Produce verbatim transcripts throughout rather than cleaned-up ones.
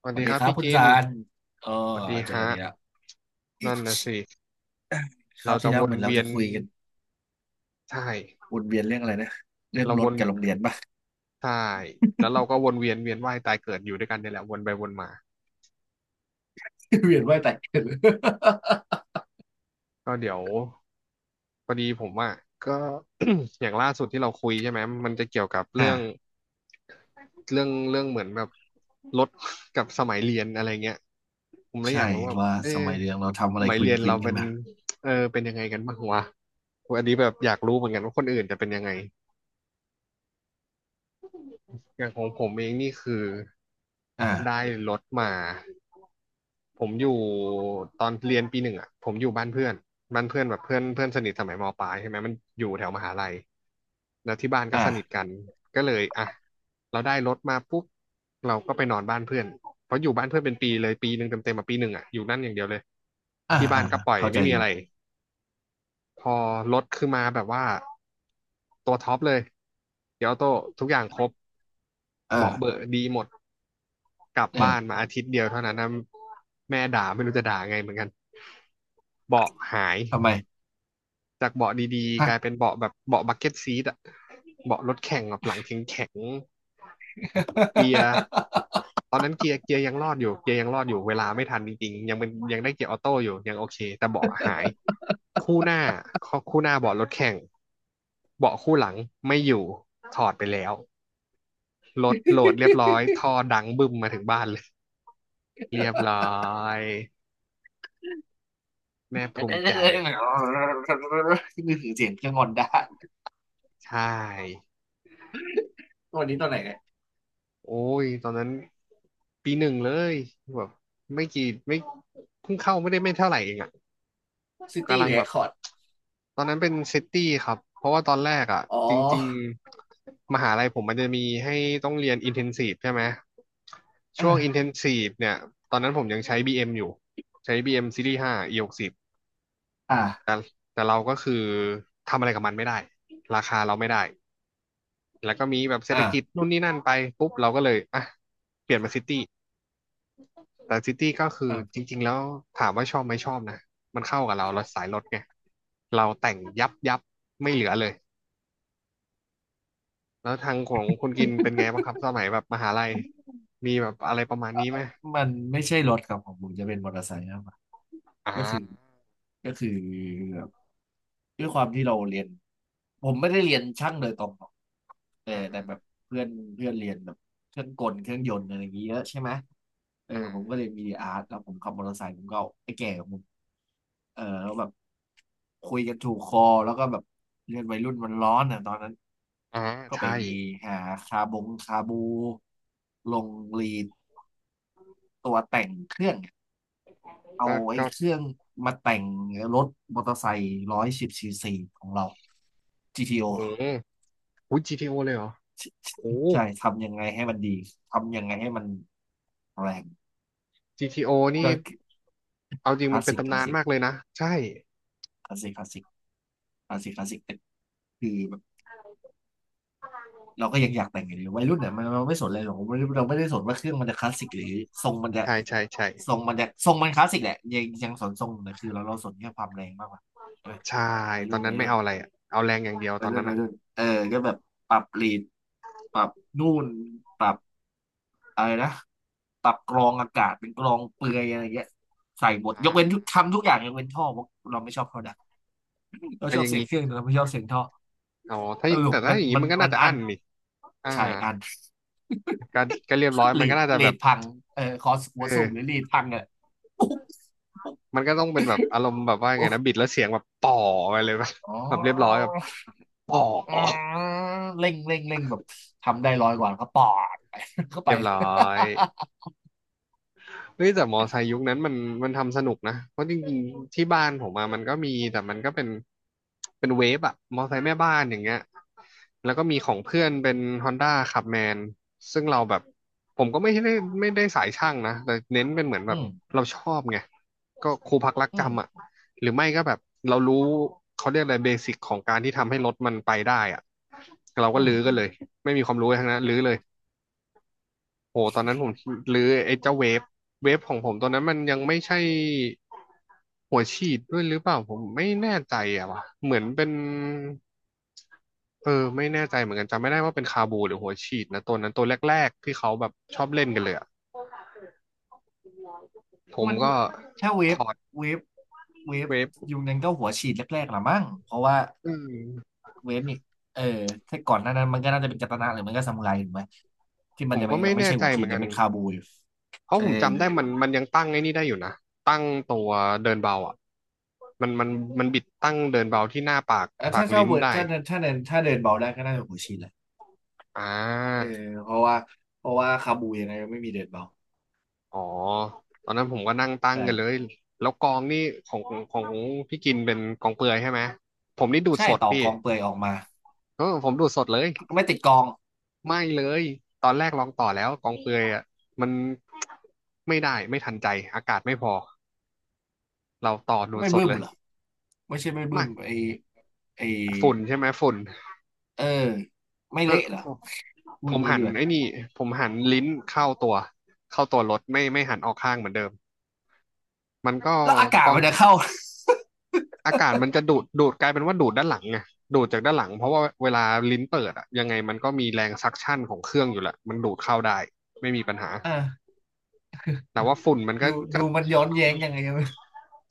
สวัสสวัดีสคดีรับครับพี่คุณกินซานเออสวัสดีเจอฮะกันอีกแล้วอิ๊นั่นนะชสิคราเราวจะที่แล้ววเหนมือนเราเวียจะนคุยกันใช่วนเวียนเรื่องอะไรนะเรื่องเรารวถนกับโรงเรียนป่ะ ใช่แล้วเราก็วนเวียนเวียนว่ายตายเกิดอยู่ด้วยกันเนี่ยแหละวนไปวนมา เวียนว่ายตายเกิด ก็เดี๋ยวพอดีผมอ่ะก็ อย่างล่าสุดที่เราคุยใช่ไหมมันจะเกี่ยวกับ เรื่อ่าองเรื่องเรื่องเหมือนแบบรถ กับสมัยเรียนอะไรเงี้ยผมเลยอยาใช่กรู้ว่าว่าเอะสมัยเรียนเราทำสอะไรมัยควิเรีนยนควิเรานกัเป็นนแบบเออเป็นยังไงกันบ้างวะอันนี้แบบอยากรู้เหมือนกันว่าคนอื่นจะเป็นยังไง อย่างของผมเองนี่คือได้อ่ารถมาผมอยู่ตอนเรียนปีหนึ่งอ่ะผมอยู่บ้านเพื่อนบ้านเพื่อนแบบเพื่อนเพื่อนสนิทสมัยมปลายใช่ไหมมันอยู่แถวมหาลัยแล้วที่บ้านก็สนิทอ่ากันก็เลยอ่ะเราได้รถมาปุ๊บเราก็ไปนอนบ้านเพื่อนเพราะอยู่บ้านเพื่อนเป็นปีเลยปีหนึ่งเต็มๆมาปีหนึ่งอ่ะอยู่นั่นอย่างเดียวเลยอ่าที่บ้าอ่านก็ปล่อยเข้าใจไม่มีอยู่อะไร พอรถคือมาแบบว่าตัวท็อปเลยเดี๋ยวโต้ทุกอย่างครบเออเบาะเบอะดีหมด กลับเออบ้านมาอาทิตย์เดียวเท่านั้นนะแม่ด่าไม่รู้จะด่าไงเหมือนกัน เบาะหายทำไมจากเบาะดีๆกฮะ ลายเป็นเบาะแบบเบาะบักเก็ตซีทอะเบาะรถแข่งแบบหลังแข็งๆเกียร์ตอนนั้นเกียร์เกียร์ยังรอดอยู่เกียร์ยังรอดอยู่เวลาไม่ทันจริงๆยังเป็นยังได้เกียร์ออโต้อยู่ยังโอเคแต่เบาะหาย คู่หน้าคู่หน้าเบาะรถแข่งเบาะคู่หลังไม่อยู่ถอดไปแล้วรถโหลดเรียบร้อยท่อดังบึ้มมาถึงบ้านเลยเรียบร้อยแม่ภูมิใจ นี่คือเสียงเครื่องงอนได้ใช่วันนี้ตัวไหนเนี่ยโอ้ยตอนนั้นปีหนึ่งเลยแบบไม่กี่ไม่เพิ่งเข้าไม่ได้ไม่เท่าไหร่เองอะ ซิกำตี้ลังเรแบคบคอร์ดตอนนั้นเป็นซิตี้ครับเพราะว่าตอนแรกอ่ะอ๋จริงอๆมหาลัยผมมันจะมีให้ต้องเรียนอินเทนซีฟใช่ไหมช่วงอินเทอ่านซีฟเนี่ยตอนนั้นผมยังใช้ บี เอ็ม อมอยู่ใช้ บี เอ็ม Series ห้า E หกสิบแต่อ่าแต่เราก็คือทำอะไรกับมันไม่ได้ราคาเราไม่ได้แล้วก็มีแบบเศรษฐกิจนู่นนี่นั่นไปปุ๊บเราก็เลยอ่ะเปลี่ยนมาซิตี้ แต่ซิตี้ก็คือจอ่า ริงๆแล้วถามว่าชอบไหมชอบนะมันเข้ากับเราเราสายรถไงเราแต่งยับยับไม่เหลือเลยแล้วทางของคุณกินเป็นไงบ้างครับสมัยแบบมหาลัยมีแบบอะไรประมาณนี้ไหมมันไม่ใช่รถครับของผมจะเป็นมอเตอร์ไซค์มากกว่าอ่าก็คือก็คือแบบด้วยความที่เราเรียนผมไม่ได้เรียนช่างโดยตรงหรอกแต่อ่าแต่อ่าแบบเพื่อนเพื่อนเรียนแบบเครื่องกลเครื่องยนต์อะไรอย่างเงี้ยเยอะใช่ไหมเอออ่าผมก็เรียนมีดีอาร์ตแล้วผมขับมอเตอร์ไซค์ผมก็เอาไอ้แก่ของผมเออแล้วแบบคุยกันถูกคอแล้วก็แบบเรียนวัยรุ่นมันร้อนอ่ะตอนนั้นอ่าก็ไปใช่หาคาบงคาบูลงรีดตัวแต่งเครื่อง เอาก็ไอ้ก็เครื่องมาแต่งรถมอเตอร์ไซค์ร้อยสิบซีซีของเรา จี ที โอ อืมอุ้ยจีทีโอเลยเหรอโอ้ใช่ทำยังไงให้มันดีทำยังไงให้มันแรงจีทีโอนี่ก็เอาจริคงลามันสเป็นสิกคตำลานาสนสิกมากเลยนะใช่คลาสสิกคลาสสิกคลาสสิกคลาสสิกแต่คือแบบเราก็ยังอยากแต่งอยู่ดีวัยรุ่นเนี่ยมันเราไม่สนเลยหรอกเราไม่เราไม่ได้สนว่าเครื่องมันจะคลาสสิกหรือทรงมันจะใช่ใช่ใช่ทรงมันจะทรงมันคลาสสิกแหละยังยังสนทรงแต่คือเราเราสนแค่ความแรงมากกว่าใช่ไหมใช่วัยตอรุ่นนนั้วันยไม่รุ่น เอาอะไรอะเอาแรงอย่างเดียวตวัอยนรุ่นั้นนวัอะยรุ่นเออก็แบบปรับลีดปรับนู่นปรับอะไรนะปรับกรองอากาศเป็นกรองเปลือยอะไรเงี้ยใส่หมดยอ่ากเว้นทุกทำทุกอย่างยกเว้นท่อเพราะเราไม่ชอบเขาดังเราอ่ะชออบย่างเสียงนี้ เครื่องแต่เราไม่ชอบเสียงท่ออ๋อถ้าสรุแต่ปถ้ามันอย่างนี้มันมันก็มัน่านจะอัอั้นนนี่อ่าใช่อัน การการเรียบร้อย มันเลีก็ดน่าจะแบเลีบดพังเออคอสเหัวสูบหรือออ เลีดพังอ่ะปุ๊บปุ๊บมันก็ต้องเป็นแบบอารมณ์แบบว่าไงปุ๊บนะบิดแล้วเสียงแบบป่อไปเลยปะอ๋แบบเรียบร้อยอแบบป่ออืมเร่งเร่งเร่งแบบทำได้ร้อยกว่าแล้วก็ปอด เข้าไป เรียบร้อย เฮ้ยแต่มอไซค์ยุคนั้นมันมันทำสนุกนะเพราะจริงๆที่บ้านผมมามันก็มีแต่มันก็เป็นเป็นเวฟอะมอไซค์แม่บ้านอย่างเงี้ยแล้วก็มีของเพื่อนเป็น Honda ขับแมนซึ่งเราแบบผมก็ไม่ได้ไม่ได้สายช่างนะแต่เน้นเป็นเหมือน แบอืบม เราชอบไงก็ครูพักรักอืมจำอ่ะหรือไม่ก็แบบเรารู้เขาเรียกอะไรเบสิกของการที่ทำให้รถมันไปได้อ่ะเราอืก็มลื้ออืกันมเลยไม่มีความรู้อะไรทั้งนั้นลื้อเลย โอ้ตอนนั้นผมหรือไอ้เจ้าเวฟเวฟของผมตอนนั้นมันยังไม่ใช่หัวฉีดด้วยหรือเปล่าผมไม่แน่ใจอะว่ะเหมือนเป็นเออไม่แน่ใจเหมือนกันจำไม่ได้ว่าเป็นคาบูหรือหัวฉีดนะตัวนั้นตัวแรกๆที่เขาแบบชอบเล่นกันเลยอะผมมันก็ถ้าเวถฟอดเวฟเวฟเวฟยุคนั้นก็หัวฉีดแรกๆละมั้งเพราะว่าอืมเวฟนี่เออถ้าก่อนหน้านั้นมันก็น่าจะเป็นกัตนะหรือมันก็ซามูไรถูกไหมที่ผมันมจะก็ไม่ไม่ยังไม่แน่ใช่ใจหัวเหฉีมืดอนยักังนเป็นคาบูอยู่เพราะเอผอมจำได้มันมันยังตั้งไอ้นี่ได้อยู่นะตั้งตัวเดินเบาอ่ะมันมันมันบิดตั้งเดินเบาที่หน้าปากแล้วปากถ้าถ้าลิ้นเวิร์ดได้ถ้าเดินถ้าเดินถ้าเดินเบาได้ก็น่าจะหัวฉีดแหละอ่า เออเพราะว่าเพราะว่าคาบูยังไงก็ไม่มีเดินเบาอ๋อตอนนั้นผมก็นั่งตั้งใช่กันเลยแล้วกองนี่ของของพี่กินเป็นกองเปลือยใช่ไหมผมนี่ดูดใช่สดต่อพี่กองเปลือยออกมาเออผมดูดสดเลยก็ไม่ติดกองไม่เลยตอนแรกลองต่อแล้วกองเปลือยอ่ะมันไม่ได้ไม่ทันใจอากาศไม่พอเราต่อดูดไม่สดบึ้มเลยเหรอไม่ใช่ไม่บึ้ไม่มไอไอฝุ่นใช่ไหมฝุ่นเออไม่เออเละเหรอผมพูผดมงี้หัดีนกว่า ไอ้นี่ผมหันลิ้นเข้าตัวเข้าตัวรถไม่ไม่หันออกข้างเหมือนเดิมมันก็แล้วอากากศอง มันจะเข้า อากาศมันจะดูดดูดกลายเป็นว่าดูดด้านหลังไงดูดจากด้านหลังเพราะว่าเวลาลิ้นเปิดอะยังไงมันก็มีแรงซักชั่นของเครื่องอยู่แหละ มันดูดเข้าได้ ไม่มีปัญหา อ่าแต่ว่าฝุ่นมันก็ดูดูก็มันย้อนแย้งยังไงไม่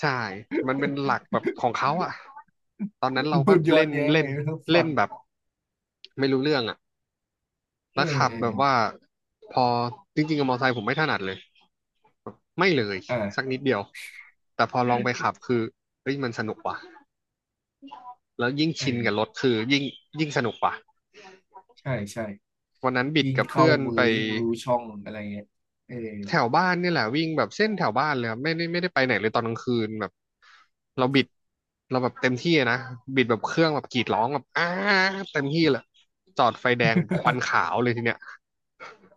ใช่มันเป็นหลักแบบของเขาอะ ตอนร นั้น เราดูก็ย้อเล่นน แย้งเล่ยันงไงไมเล่ฟันงแบบไม่รู้เรื่องอะ เอแล้อวขับเออแบบว่าพอจริงๆกับมอเตอร์ไซค์ผมไม่ถนัดเลยไม่เลยสักอ่านิดเดียวแต่พอลองไปขับคือเฮ้ยมันสนุกว่ะแล้วยิ่งเอชินอกับรถคือยิ่งยิ่งสนุกว่ะ ใช่ใช่วันนั้นบิดยิ่งกับเข้าเพื่อนมืไปอยิ่งรู้ช่องอะไรเงี้ยเออ แถวบ้านเนี่ยแหละวิ่งแบบเส้นแถวบ้านเลยครับไม่ได้ไม่ได้ไปไหนเลยตอนกลางคืนแบบเราบิดเราแบบเต็มที่อะนะบิดแบบเครื่องแบบกรีดร้องแบบอ้าเต็มที่เลยจอดไฟแดงควันขาวเลยทีเนี้ย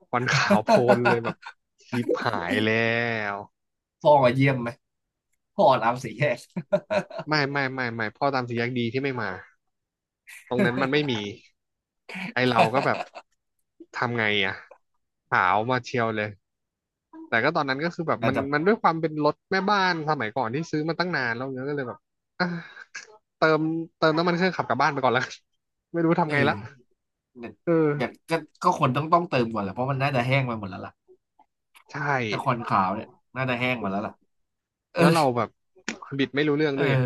ควันขาวโพลนเลยแบบ ชิบหายแล้วพ่อมาเยี่ยมไหม พ่อน้ำสีแยก ไม่ไม่ไม่ไม่พ่อตามสีแยกดีที่ไม่มาตรงนั้นมันไม่มีไอเราก็แบบ ทำไงอะขาวมาเชียวเลย แต่ก็ตอนนั้นก็คือแบบน่ามันจะมันด้วยความเป็นรถแม่บ้านสมัยก่อนที่ซื้อมาตั้งนานแล้วเนี้ยก็เลยแบบอ่ะเติมเติมน้ำมันเครื่องขับกลับบ้านไปก่อนแล้วกัน ไม่รู้เอทำไงละอเนี่ยเอออย่างก็ก็คนต้องต้องเติมก่อนแหละเพราะมันน่าจะแห้งไปหมดแล้วล่ะใช่แต่คอนขาวเนี่ยน่าจะแห้งหมดแล้วล่ะเออแล้วเราแบบบิดไม่รู้เรื่องเออ ด้วยไง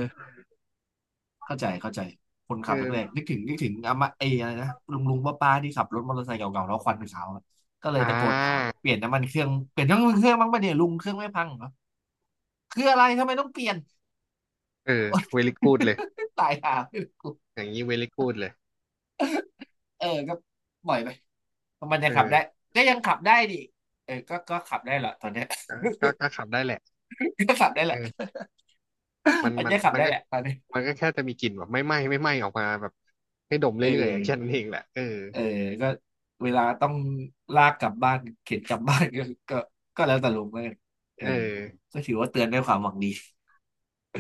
เข้าใจเข้าใจคนเอขับอแรกๆนึกถึงนึกถึงอามาเออะไรนะลุงลุงป้าป้าที่ขับรถมอเตอร์ไซค์เก่าๆแล้วควันเป็นขาวอะก็เลยอ่ตะโกนถามาเปลี่ยนน้ำมันเครื่องเปลี่ยนน้ำมันเครื่องบ้างปะเนี่ยลุงเครื่องไม่พังเหรอคืออะไรทำไมต้องเปลี่ยน เออเวลิกูดเลย ตายห่รอย่างนี้เวลิกูดเลยเออก็ปล่อยไปมันยัเองขับได้อก็ยังขับได้ดิเออก็ก็ขับได้แหละตอนเนี้ย ก็ก็ก็ขับได้แหละ ก็ขับได้เอแหละ อมัน อันมันนี้ขับมันได้ก็แหละตอนนี้มันก็แค่จะมีกลิ่นแบบไม่ไหม้ไม่ไหม้ออกมาแบบให้ดมเอเรื่อยๆอะแค่นั้อ นเองแหละเออเออก็เวลาต้องลากกลับบ้านเข็นกลับบ้านก็ ก็ก็แล้วแต่ลุงเลยวันเอเอออ ก็ถือว่าเตือนด้วยความหวังดี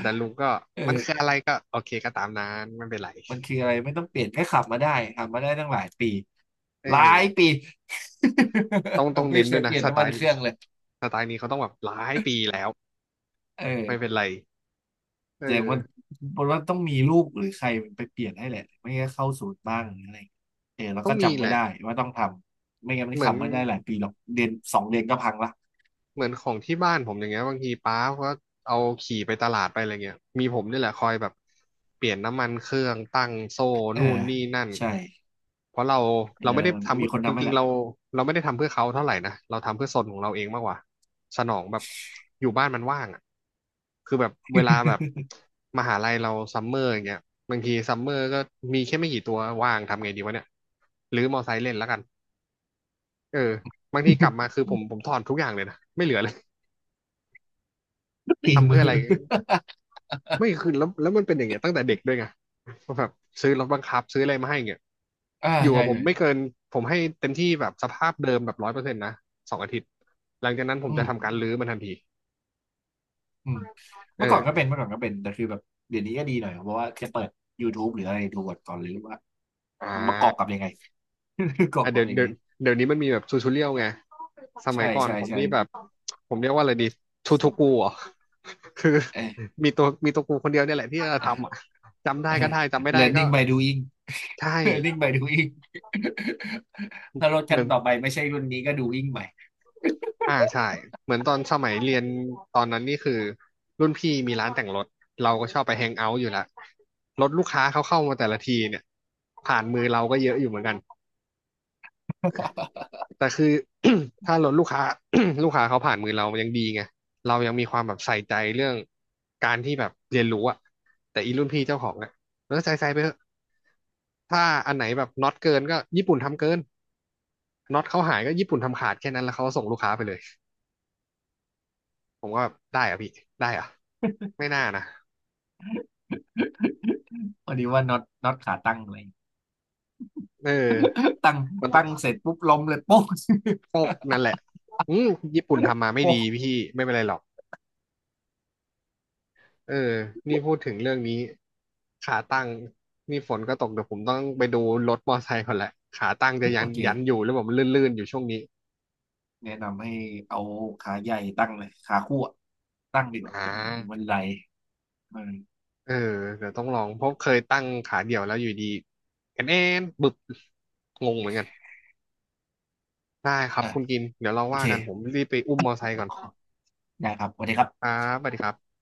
แต่ลุงก็ มันคือเอออะไรก็โอเคก็ตามนั้นไม่เป็นไรมันคืออะไรไม่ต้องเปลี่ยนแค่ขับมาได้ขับมาได้ตั้งหลายปีเออหลายปี ต้องต้อง ไม่เน้นเคด้วยยเปนะลี่ยนสไตน้ำมันล์เคนี้รื่องเลยสไตล์นี้เขาต้องแบบหลายปีแล้วเไม่เป็ออนไรเออแต่มันมันว่าต้องมีลูกหรือใครมันไปเปลี่ยนให้แหละไม่งั้นเข้าศูนย์บ้างหรืออะไรเออแล้วต้อก็งมีจำแหไม่ละได้ว่าต้องทำไม่งั้นมันเหมือน ทำไม่ได้หลายปีหรอกเดือนสองเดือนก็พังละเหมือนของที่บ้านผมอย่างเงี้ยบางทีป้าก็เอาขี่ไปตลาดไปอะไรเงี้ยมีผมนี่แหละคอยแบบเปลี่ยนน้ำมันเครื่องตั้งโซ่เออนู่นนี่นั่นใช่เพราะเราเอเราไม่ได้อทำมีเพื่อคนจทำให้ริงๆละ เราเราไม่ได้ทำเพื่อเขาเท่าไหร่นะเราทำเพื่อซนของเราเองมากกว่าสนองแบบอยู่บ้านมันว่างอ่ะคือแบบเวลาแบบมหาลัยเราซัมเมอร์อย่างเงี้ยบางทีซัมเมอร์ก็มีแค่ไม่กี่ตัวว่างทำไงดีวะเนี่ยหรือมอไซค์เล่นแล้วกันเออบางทีกลับมาคือผมผมถอนทุกอย่างเลยนะไม่เหลือเลย ตีมือไม่คือแล้วแล้วมันเป็นอย่างเงี้ยตั้งแต่เด็กด้วยไงแบบซื้อรถบังคับซื้ออะไรมาให้เงี้ยอ่าอยู่กัใช่บผมใช่ไม่เกินผมให้เต็มที่แบบสภาพเดิมแบบร้อยเปอร์เซ็นต์นะสองอาทิตย์หลังจากนั้นผมอืจะมทำการรื้อมันทันทีอืมเอเมื่อก่ออนก็เป็นเมื่อก่อนก็เป็นแต่คือแบบเดี๋ยวนี้ก็ดีหน่อยเพราะว่าจะเปิด YouTube หรืออะไรดูก่อนหรือว่าอ่มันประกอบกับายังไง ประกอบอ่ะกัเดี๋บยวยังเดี๋ยไงวเดี๋ยวนี้มันมีแบบทูทูเรียลไงสมัใช่ยก่อนใช่ผมใช่นี่แบบผมเรียกว่าอะไรดีทูสทูดกูเหรอคือเออมีตัวมีตัวกูคนเดียวเนี่ยแหละที่จะเออทำอ่ะจำได้เออ ก็ได้จำไม่ได้ก็ learning by doing ใช่ learning by doing ถ้ารถเหคัมืนอน ต่อไปไม่ใช่รุ่นนี้ก็ doing ใหม่อ่าใช่เหมือนตอนสมัยเรียนตอนนั้นนี่คือรุ่นพี่มีร้านแต่งรถเราก็ชอบไปแฮงเอาท์อยู่ละรถลูกค้าเขาเข้ามาแต่ละทีเนี่ยผ่านมือเราก็เยอะอยู่เหมือนกันแต่คือ ถ้ารถลูกค้า ลูกค้าเขาผ่านมือเรายังดีไงเรายังมีความแบบใส่ใจเรื่องการที่แบบเรียนรู้อะแต่อีรุ่นพี่เจ้าของเนี่ยแล้วใส่ใส่ไปเถอะถ้าอันไหนแบบน็อตเกินก็ญี่ปุ่นทำเกินน็อตเขาหายก็ญี่ปุ่นทำขาดแค่นั้นแล้วเขาก็ส่งลูกค้าไปเลย ผมก็แบบได้เหรอะพี่ได้เหรอะไม่น่านะพนนี้ว่าน็อตน็อตขาตั้งอะไรเออตั้งมันต้องตั้งเสร็จปุ๊บล้มเลย โป๊ก ตกนั่นแหละอืมญี่ปุ่น ทำมาไม่โป๊กดีพี่ไม่เป็นไรหรอกเออนี่พูดถึงเรื่องนี้ขาตั้งนี่ฝนก็ตกเดี๋ยวผมต้องไปดูรถมอไซค์ก่อนแหละขาตั้งจะยัโอนเค ยันอยู่หรือเปล่มันลื่นๆอยู่ช่วงนี้แนะนำให้เอาขาใหญ่ตั้งเลยขาคู่อะตั้งดีกว่าอ่มัานไหลเออเออเดี๋ยวต้องลองเพราะเคยตั้งขาเดี่ยวแล้วอยู่ดีกันเอนบึบงงเหมือนกันได้ครับอ่ะคุณกินเดี๋ยวเราโอว่าเคกันผมรีบไปอุ้มมอไซค์ก่อนได้ครับสวัสดีครัคบรับสวัสดีครับ